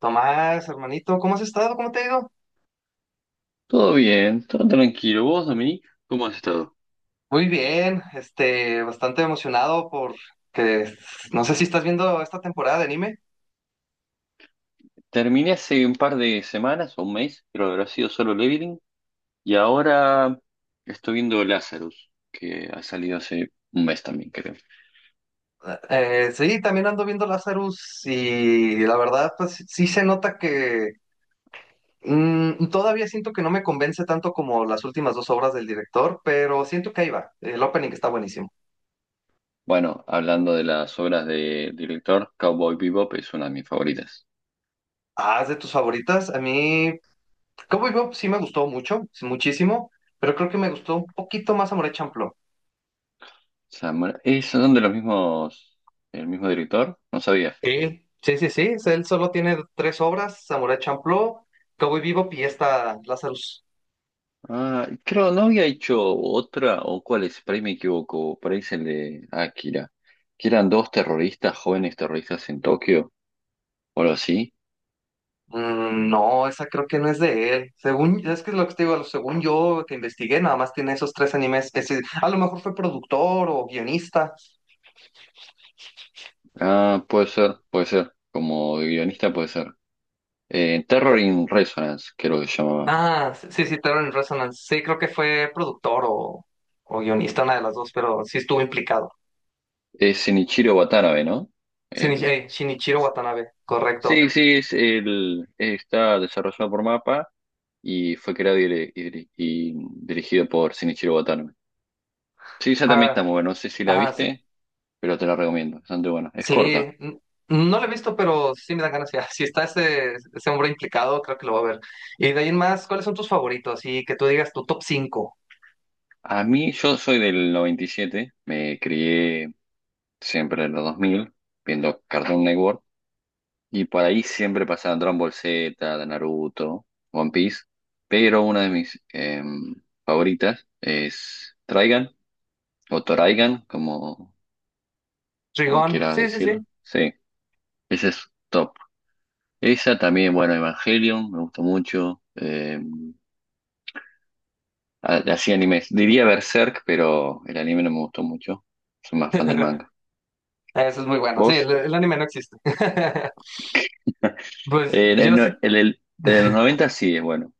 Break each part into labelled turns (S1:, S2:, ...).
S1: Tomás, hermanito, ¿cómo has estado? ¿Cómo te ha ido?
S2: Todo bien, todo tranquilo. ¿Vos, Dominic? ¿Cómo has estado?
S1: Muy bien, bastante emocionado por que no sé si estás viendo esta temporada de anime.
S2: Terminé hace un par de semanas o un mes, creo que habrá sido solo Leveling, y ahora estoy viendo Lazarus, que ha salido hace un mes también, creo.
S1: Sí, también ando viendo Lazarus y la verdad, pues sí se nota que todavía siento que no me convence tanto como las últimas dos obras del director, pero siento que ahí va. El opening está buenísimo.
S2: Bueno, hablando de las obras del director, Cowboy Bebop es una de mis favoritas.
S1: Ah, es de tus favoritas. A mí, como yo, sí me gustó mucho, sí, muchísimo, pero creo que me gustó un poquito más Amore Champloo.
S2: ¿Son de los mismos, el mismo director? No sabía.
S1: Sí, sí, sí, sí. Él solo tiene 3 obras: Samurai Champloo, Cowboy Bebop y esta, Lazarus.
S2: Ah, creo, no había hecho otra, o cuál es, por ahí me equivoco, por ahí es el de Akira, que eran dos terroristas, jóvenes terroristas en Tokio, o algo así.
S1: Mm, no, esa creo que no es de él. Según, es que es lo que te digo, según yo que investigué, nada más tiene esos 3 animes. Es decir, a lo mejor fue productor o guionista.
S2: Ah, puede ser, como guionista puede ser. Terror in Resonance, creo que se llamaba.
S1: Ah, sí, sí, sí, Terror in Resonance. Sí, creo que fue productor o guionista, una de las dos, pero sí estuvo implicado.
S2: Es Shinichiro Watanabe, ¿no? El...
S1: Shinichiro Watanabe, correcto.
S2: Sí, sí, está desarrollado por MAPA y fue creado y dirigido por Shinichiro Watanabe. Sí, esa también está muy buena, no sé si la
S1: Ah,
S2: viste. Pero te la recomiendo, bastante buena. Es
S1: sí,
S2: corta.
S1: n- no lo he visto, pero sí me dan ganas ya. Si está ese, ese hombre implicado, creo que lo voy a ver. Y de ahí en más, ¿cuáles son tus favoritos? Y que tú digas tu top cinco.
S2: A mí, yo soy del 97, me crié siempre en los 2000 viendo Cartoon Network, y por ahí siempre pasaban Dragon Ball Z, de Naruto, One Piece, pero una de mis favoritas es Trigun, o Toraigan, como
S1: Rigón,
S2: quieras
S1: sí, sí, sí.
S2: decirlo. Sí, esa es top. Esa también, bueno, Evangelion, me gustó mucho. Así animes. Diría Berserk, pero el anime no me gustó mucho. Soy más fan del manga.
S1: Eso es muy bueno. Sí,
S2: ¿Vos?
S1: el anime no existe. Pues
S2: El,
S1: yo
S2: el,
S1: sí.
S2: el- el- el de los 90 sí es bueno.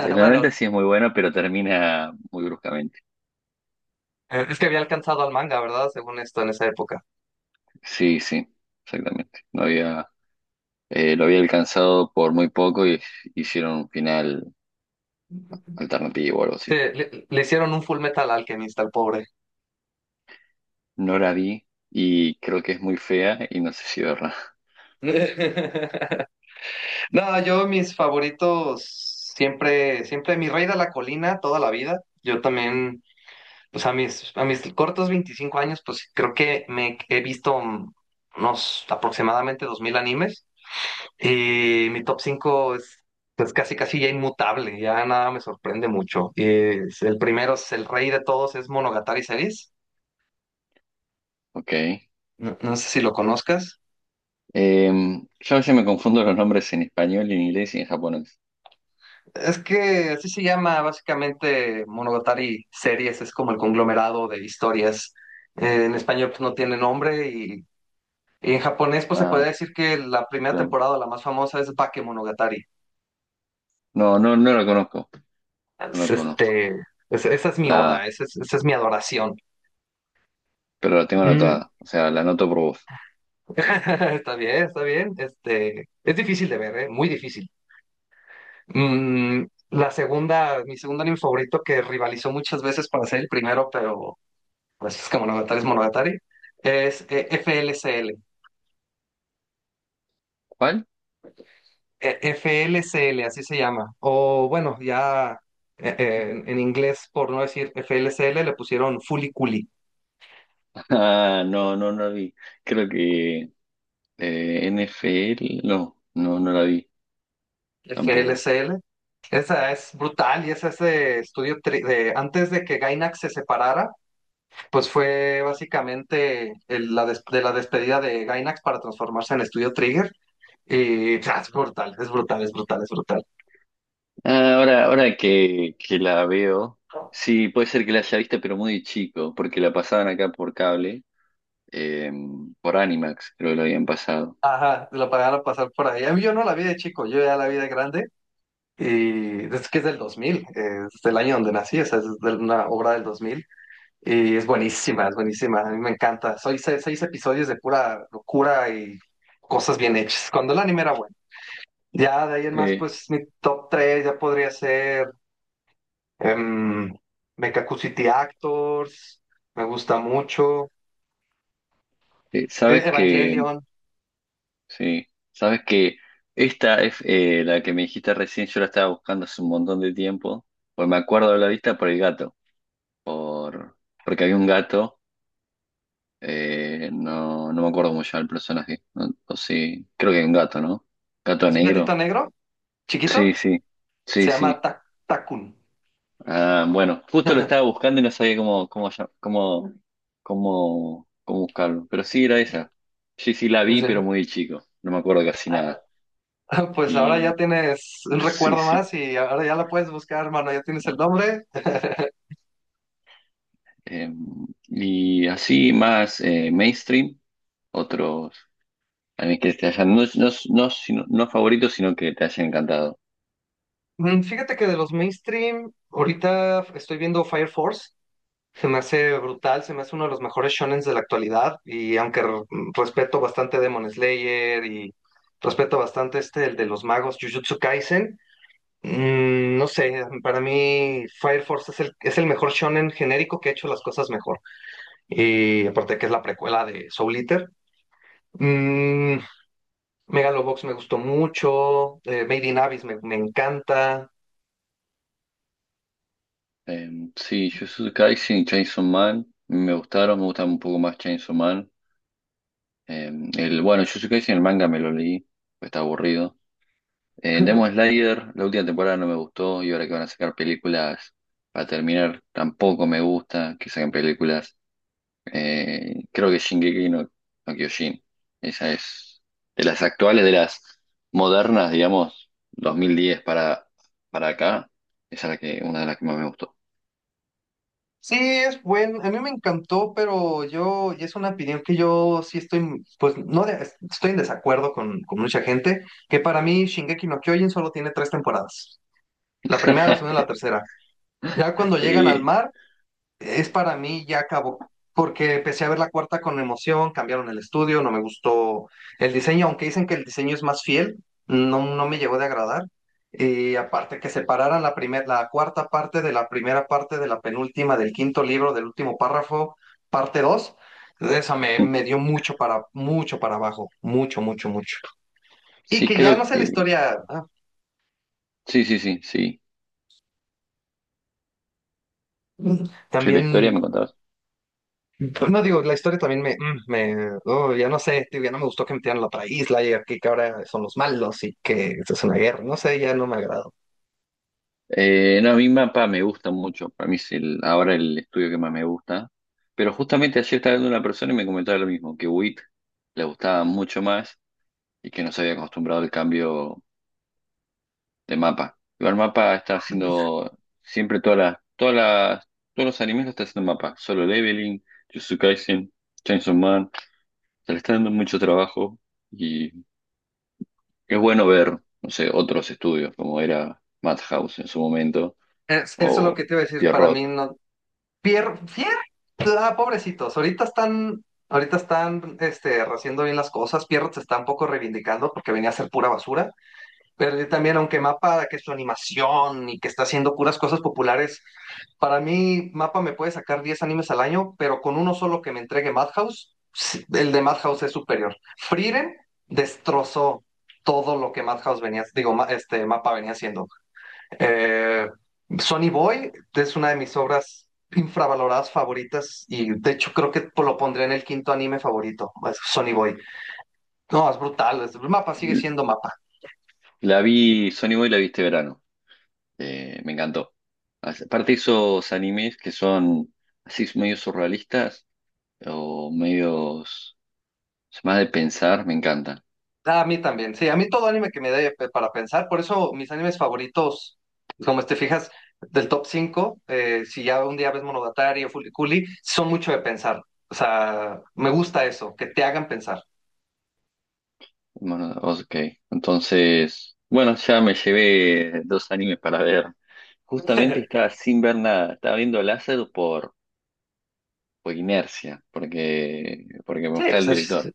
S2: El de los
S1: Bueno,
S2: 90 sí es muy bueno, pero termina muy bruscamente.
S1: es que había alcanzado al manga, ¿verdad? Según esto, en esa época.
S2: Sí, sí, exactamente. No había, Lo había alcanzado por muy poco y hicieron un final
S1: Sí,
S2: alternativo o algo así.
S1: le hicieron un Full Metal Alchemist al pobre.
S2: No la vi y creo que es muy fea y no sé si verla.
S1: No, yo mis favoritos siempre, siempre mi rey de la colina toda la vida. Yo también, pues a mis cortos 25 años, pues creo que me he visto unos aproximadamente 2000 animes y mi top 5 es pues casi casi ya inmutable, ya nada me sorprende mucho. El primero es el rey de todos, es Monogatari Series.
S2: Ok.
S1: No, no sé si lo conozcas.
S2: Yo a veces me confundo los nombres en español, en inglés y en japonés.
S1: Es que así se llama básicamente, Monogatari Series, es como el conglomerado de historias. En español pues no tiene nombre, y en japonés pues se puede
S2: Ah,
S1: decir que la primera
S2: claro.
S1: temporada, la más famosa, es Bakemonogatari.
S2: No, no, no la conozco, no
S1: Es,
S2: la conozco.
S1: este, Esa es mi
S2: La,
S1: oda, esa es mi adoración.
S2: pero la tengo
S1: Mm.
S2: anotada, o sea, la anoto por vos.
S1: Está bien, está bien. Este, es difícil de ver, ¿eh? Muy difícil. Mm, la segunda, mi segundo anime favorito que rivalizó muchas veces para ser el primero, pero... Francisca Monogatari es Monogatari, es eh, FLCL,
S2: ¿Cuál?
S1: eh, FLCL, así se llama. O bueno, ya
S2: Ujú.
S1: en inglés, por no decir FLCL, le pusieron Fuliculi,
S2: Ah, no, no, no la vi. Creo que NFL, no, no, no la vi tampoco.
S1: FLCL. Esa es brutal y es ese de antes de que Gainax se separara, pues fue básicamente de la despedida de Gainax para transformarse en estudio Trigger. Y o sea, es brutal, es brutal, es brutal, es brutal.
S2: Ah, ahora que la veo, sí, puede ser que la haya visto, pero muy chico, porque la pasaban acá por cable, eh, por Animax, creo que lo habían pasado.
S1: Ajá, lo pagaron pasar por ahí. A mí, yo no la vi de chico, yo ya la vi de grande. Y es que es del 2000, es del año donde nací, o sea, es de una obra del 2000. Y es buenísima, a mí me encanta. Soy 6, 6 episodios de pura locura y cosas bien hechas. Cuando el anime era bueno. Ya de ahí en más,
S2: Eh,
S1: pues mi top tres ya podría ser em, Mekaku City Actors, me gusta mucho.
S2: ¿Sabes que
S1: Evangelion,
S2: Sí, sabes que esta es la que me dijiste recién, yo la estaba buscando hace un montón de tiempo, pues me acuerdo de la vista por el gato, por porque había un gato, no, no me acuerdo cómo se llama el personaje, o sí, creo que hay un gato, ¿no? Gato
S1: es un gatito
S2: negro.
S1: negro,
S2: Sí,
S1: chiquito,
S2: sí, sí,
S1: se llama
S2: sí.
S1: Takun.
S2: Ah, bueno, justo lo estaba buscando y no sabía cómo, cómo, llam- cómo, cómo, cómo buscarlo, pero sí era esa. Sí, sí, la
S1: Pues,
S2: vi, pero muy chico, no me acuerdo casi nada.
S1: pues ahora ya
S2: Y
S1: tienes un
S2: sí,
S1: recuerdo
S2: sí.
S1: más y ahora ya la puedes buscar, hermano, ya tienes el nombre.
S2: Eh, y así más mainstream, otros animes que te hayan, no favoritos, sino que te hayan encantado.
S1: Mm, fíjate que de los mainstream, ahorita estoy viendo Fire Force. Se me hace brutal, se me hace uno de los mejores shonens de la actualidad. Y aunque respeto bastante Demon Slayer y respeto bastante este, el de los magos, Jujutsu Kaisen, mm, no sé, para mí Fire Force es es el mejor shonen genérico que ha hecho las cosas mejor. Y aparte que es la precuela de Soul Eater. Mm, Megalobox me gustó mucho, Made in Abyss me encanta.
S2: Eh, sí, Jujutsu Kaisen y Chainsaw Man me gustaron, me gustan un poco más Chainsaw Man. Eh, bueno, Jujutsu Kaisen, el manga me lo leí, pues está aburrido. Demon Slayer, la última temporada no me gustó y ahora que van a sacar películas para terminar, tampoco me gusta que saquen películas. Creo que Shingeki no Kyojin. Esa es de las actuales, de las modernas, digamos, 2010 para acá. Esa es la que, una de las que más me gustó.
S1: Sí, es buen, a mí me encantó, pero yo, y es una opinión que yo sí estoy, pues no, estoy en desacuerdo con mucha gente, que para mí Shingeki no Kyojin solo tiene 3 temporadas, la primera, la segunda y la tercera. Ya cuando llegan al
S2: Eh,
S1: mar, es para mí ya acabó, porque empecé a ver la cuarta con emoción, cambiaron el estudio, no me gustó el diseño, aunque dicen que el diseño es más fiel, no, no me llegó de agradar. Y aparte que separaran la cuarta parte de la primera parte de la penúltima del quinto libro, del último párrafo, parte dos, esa me dio mucho para, mucho para abajo, mucho, mucho, mucho. Y
S2: sí,
S1: que ya no
S2: creo
S1: sé la
S2: que.
S1: historia, ah,
S2: Sí, sí, sí, sí. Sí, la historia
S1: también.
S2: me contabas.
S1: Pues no digo, la historia también me oh, ya no sé, tío, ya no me gustó que metieran la otra isla y aquí que ahora son los malos y que esto es una guerra, no sé, ya no me agradó.
S2: No, a mí Mapa me gusta mucho. Para mí es ahora el estudio que más me gusta. Pero justamente ayer estaba viendo una persona y me comentaba lo mismo, que WIT le gustaba mucho más y que no se había acostumbrado al cambio de Mapa. Igual Mapa está haciendo siempre todos los animes lo está haciendo Mapa. Solo Leveling, Jujutsu Kaisen, Chainsaw Man. Se le está dando mucho trabajo y es bueno ver, no sé, otros estudios como era Madhouse en su momento
S1: Eso es lo
S2: o
S1: que te iba a decir, para
S2: Pierrot.
S1: mí no. Pier, ah, pobrecitos, ahorita están, este, haciendo bien las cosas, Pierrot se está un poco reivindicando porque venía a ser pura basura. Pero yo también, aunque Mapa, que su animación y que está haciendo puras cosas populares, para mí Mapa me puede sacar 10 animes al año, pero con uno solo que me entregue Madhouse, sí, el de Madhouse es superior. Frieren destrozó todo lo que Madhouse venía, digo, Mapa venía haciendo. Eh, Sonny Boy es una de mis obras infravaloradas favoritas y de hecho creo que lo pondré en el quinto anime favorito, es Sonny Boy. No, es brutal, Mapa sigue
S2: L-
S1: siendo Mapa.
S2: La vi, Sony Boy la vi este verano. Me encantó. Aparte esos animes que son así medio surrealistas o medios más de pensar, me encantan.
S1: Ah, a mí también, sí, a mí todo anime que me dé para pensar, por eso mis animes favoritos, como te fijas, del top cinco, si ya un día ves Monogatari o Fuliculi, son mucho de pensar, o sea, me gusta eso, que te hagan pensar.
S2: Bueno, ok. Entonces, bueno, ya me llevé dos animes para ver. Justamente estaba sin ver nada, estaba viendo Láser por inercia, porque me
S1: Sí,
S2: gusta
S1: pues
S2: el director.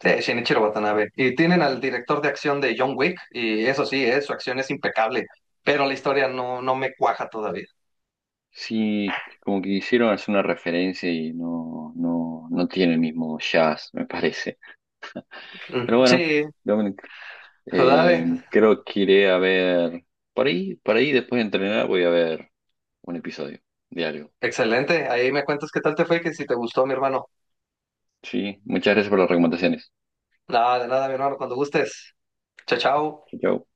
S1: es Shinichiro Watanabe. Y tienen al director de acción de John Wick, y eso sí, su acción es impecable, pero la historia no, no me cuaja todavía.
S2: Sí, como que hicieron hacer una referencia y no, no, no tiene el mismo jazz, me parece. Pero
S1: Mm,
S2: bueno,
S1: sí,
S2: Dominic,
S1: dale,
S2: creo que iré a ver, por ahí después de entrenar voy a ver un episodio diario.
S1: excelente, ahí me cuentas qué tal te fue, que si te gustó, mi hermano.
S2: Sí, muchas gracias por las recomendaciones.
S1: Nada, de nada, mi hermano, cuando gustes. Chao, chao.
S2: Chau, chau.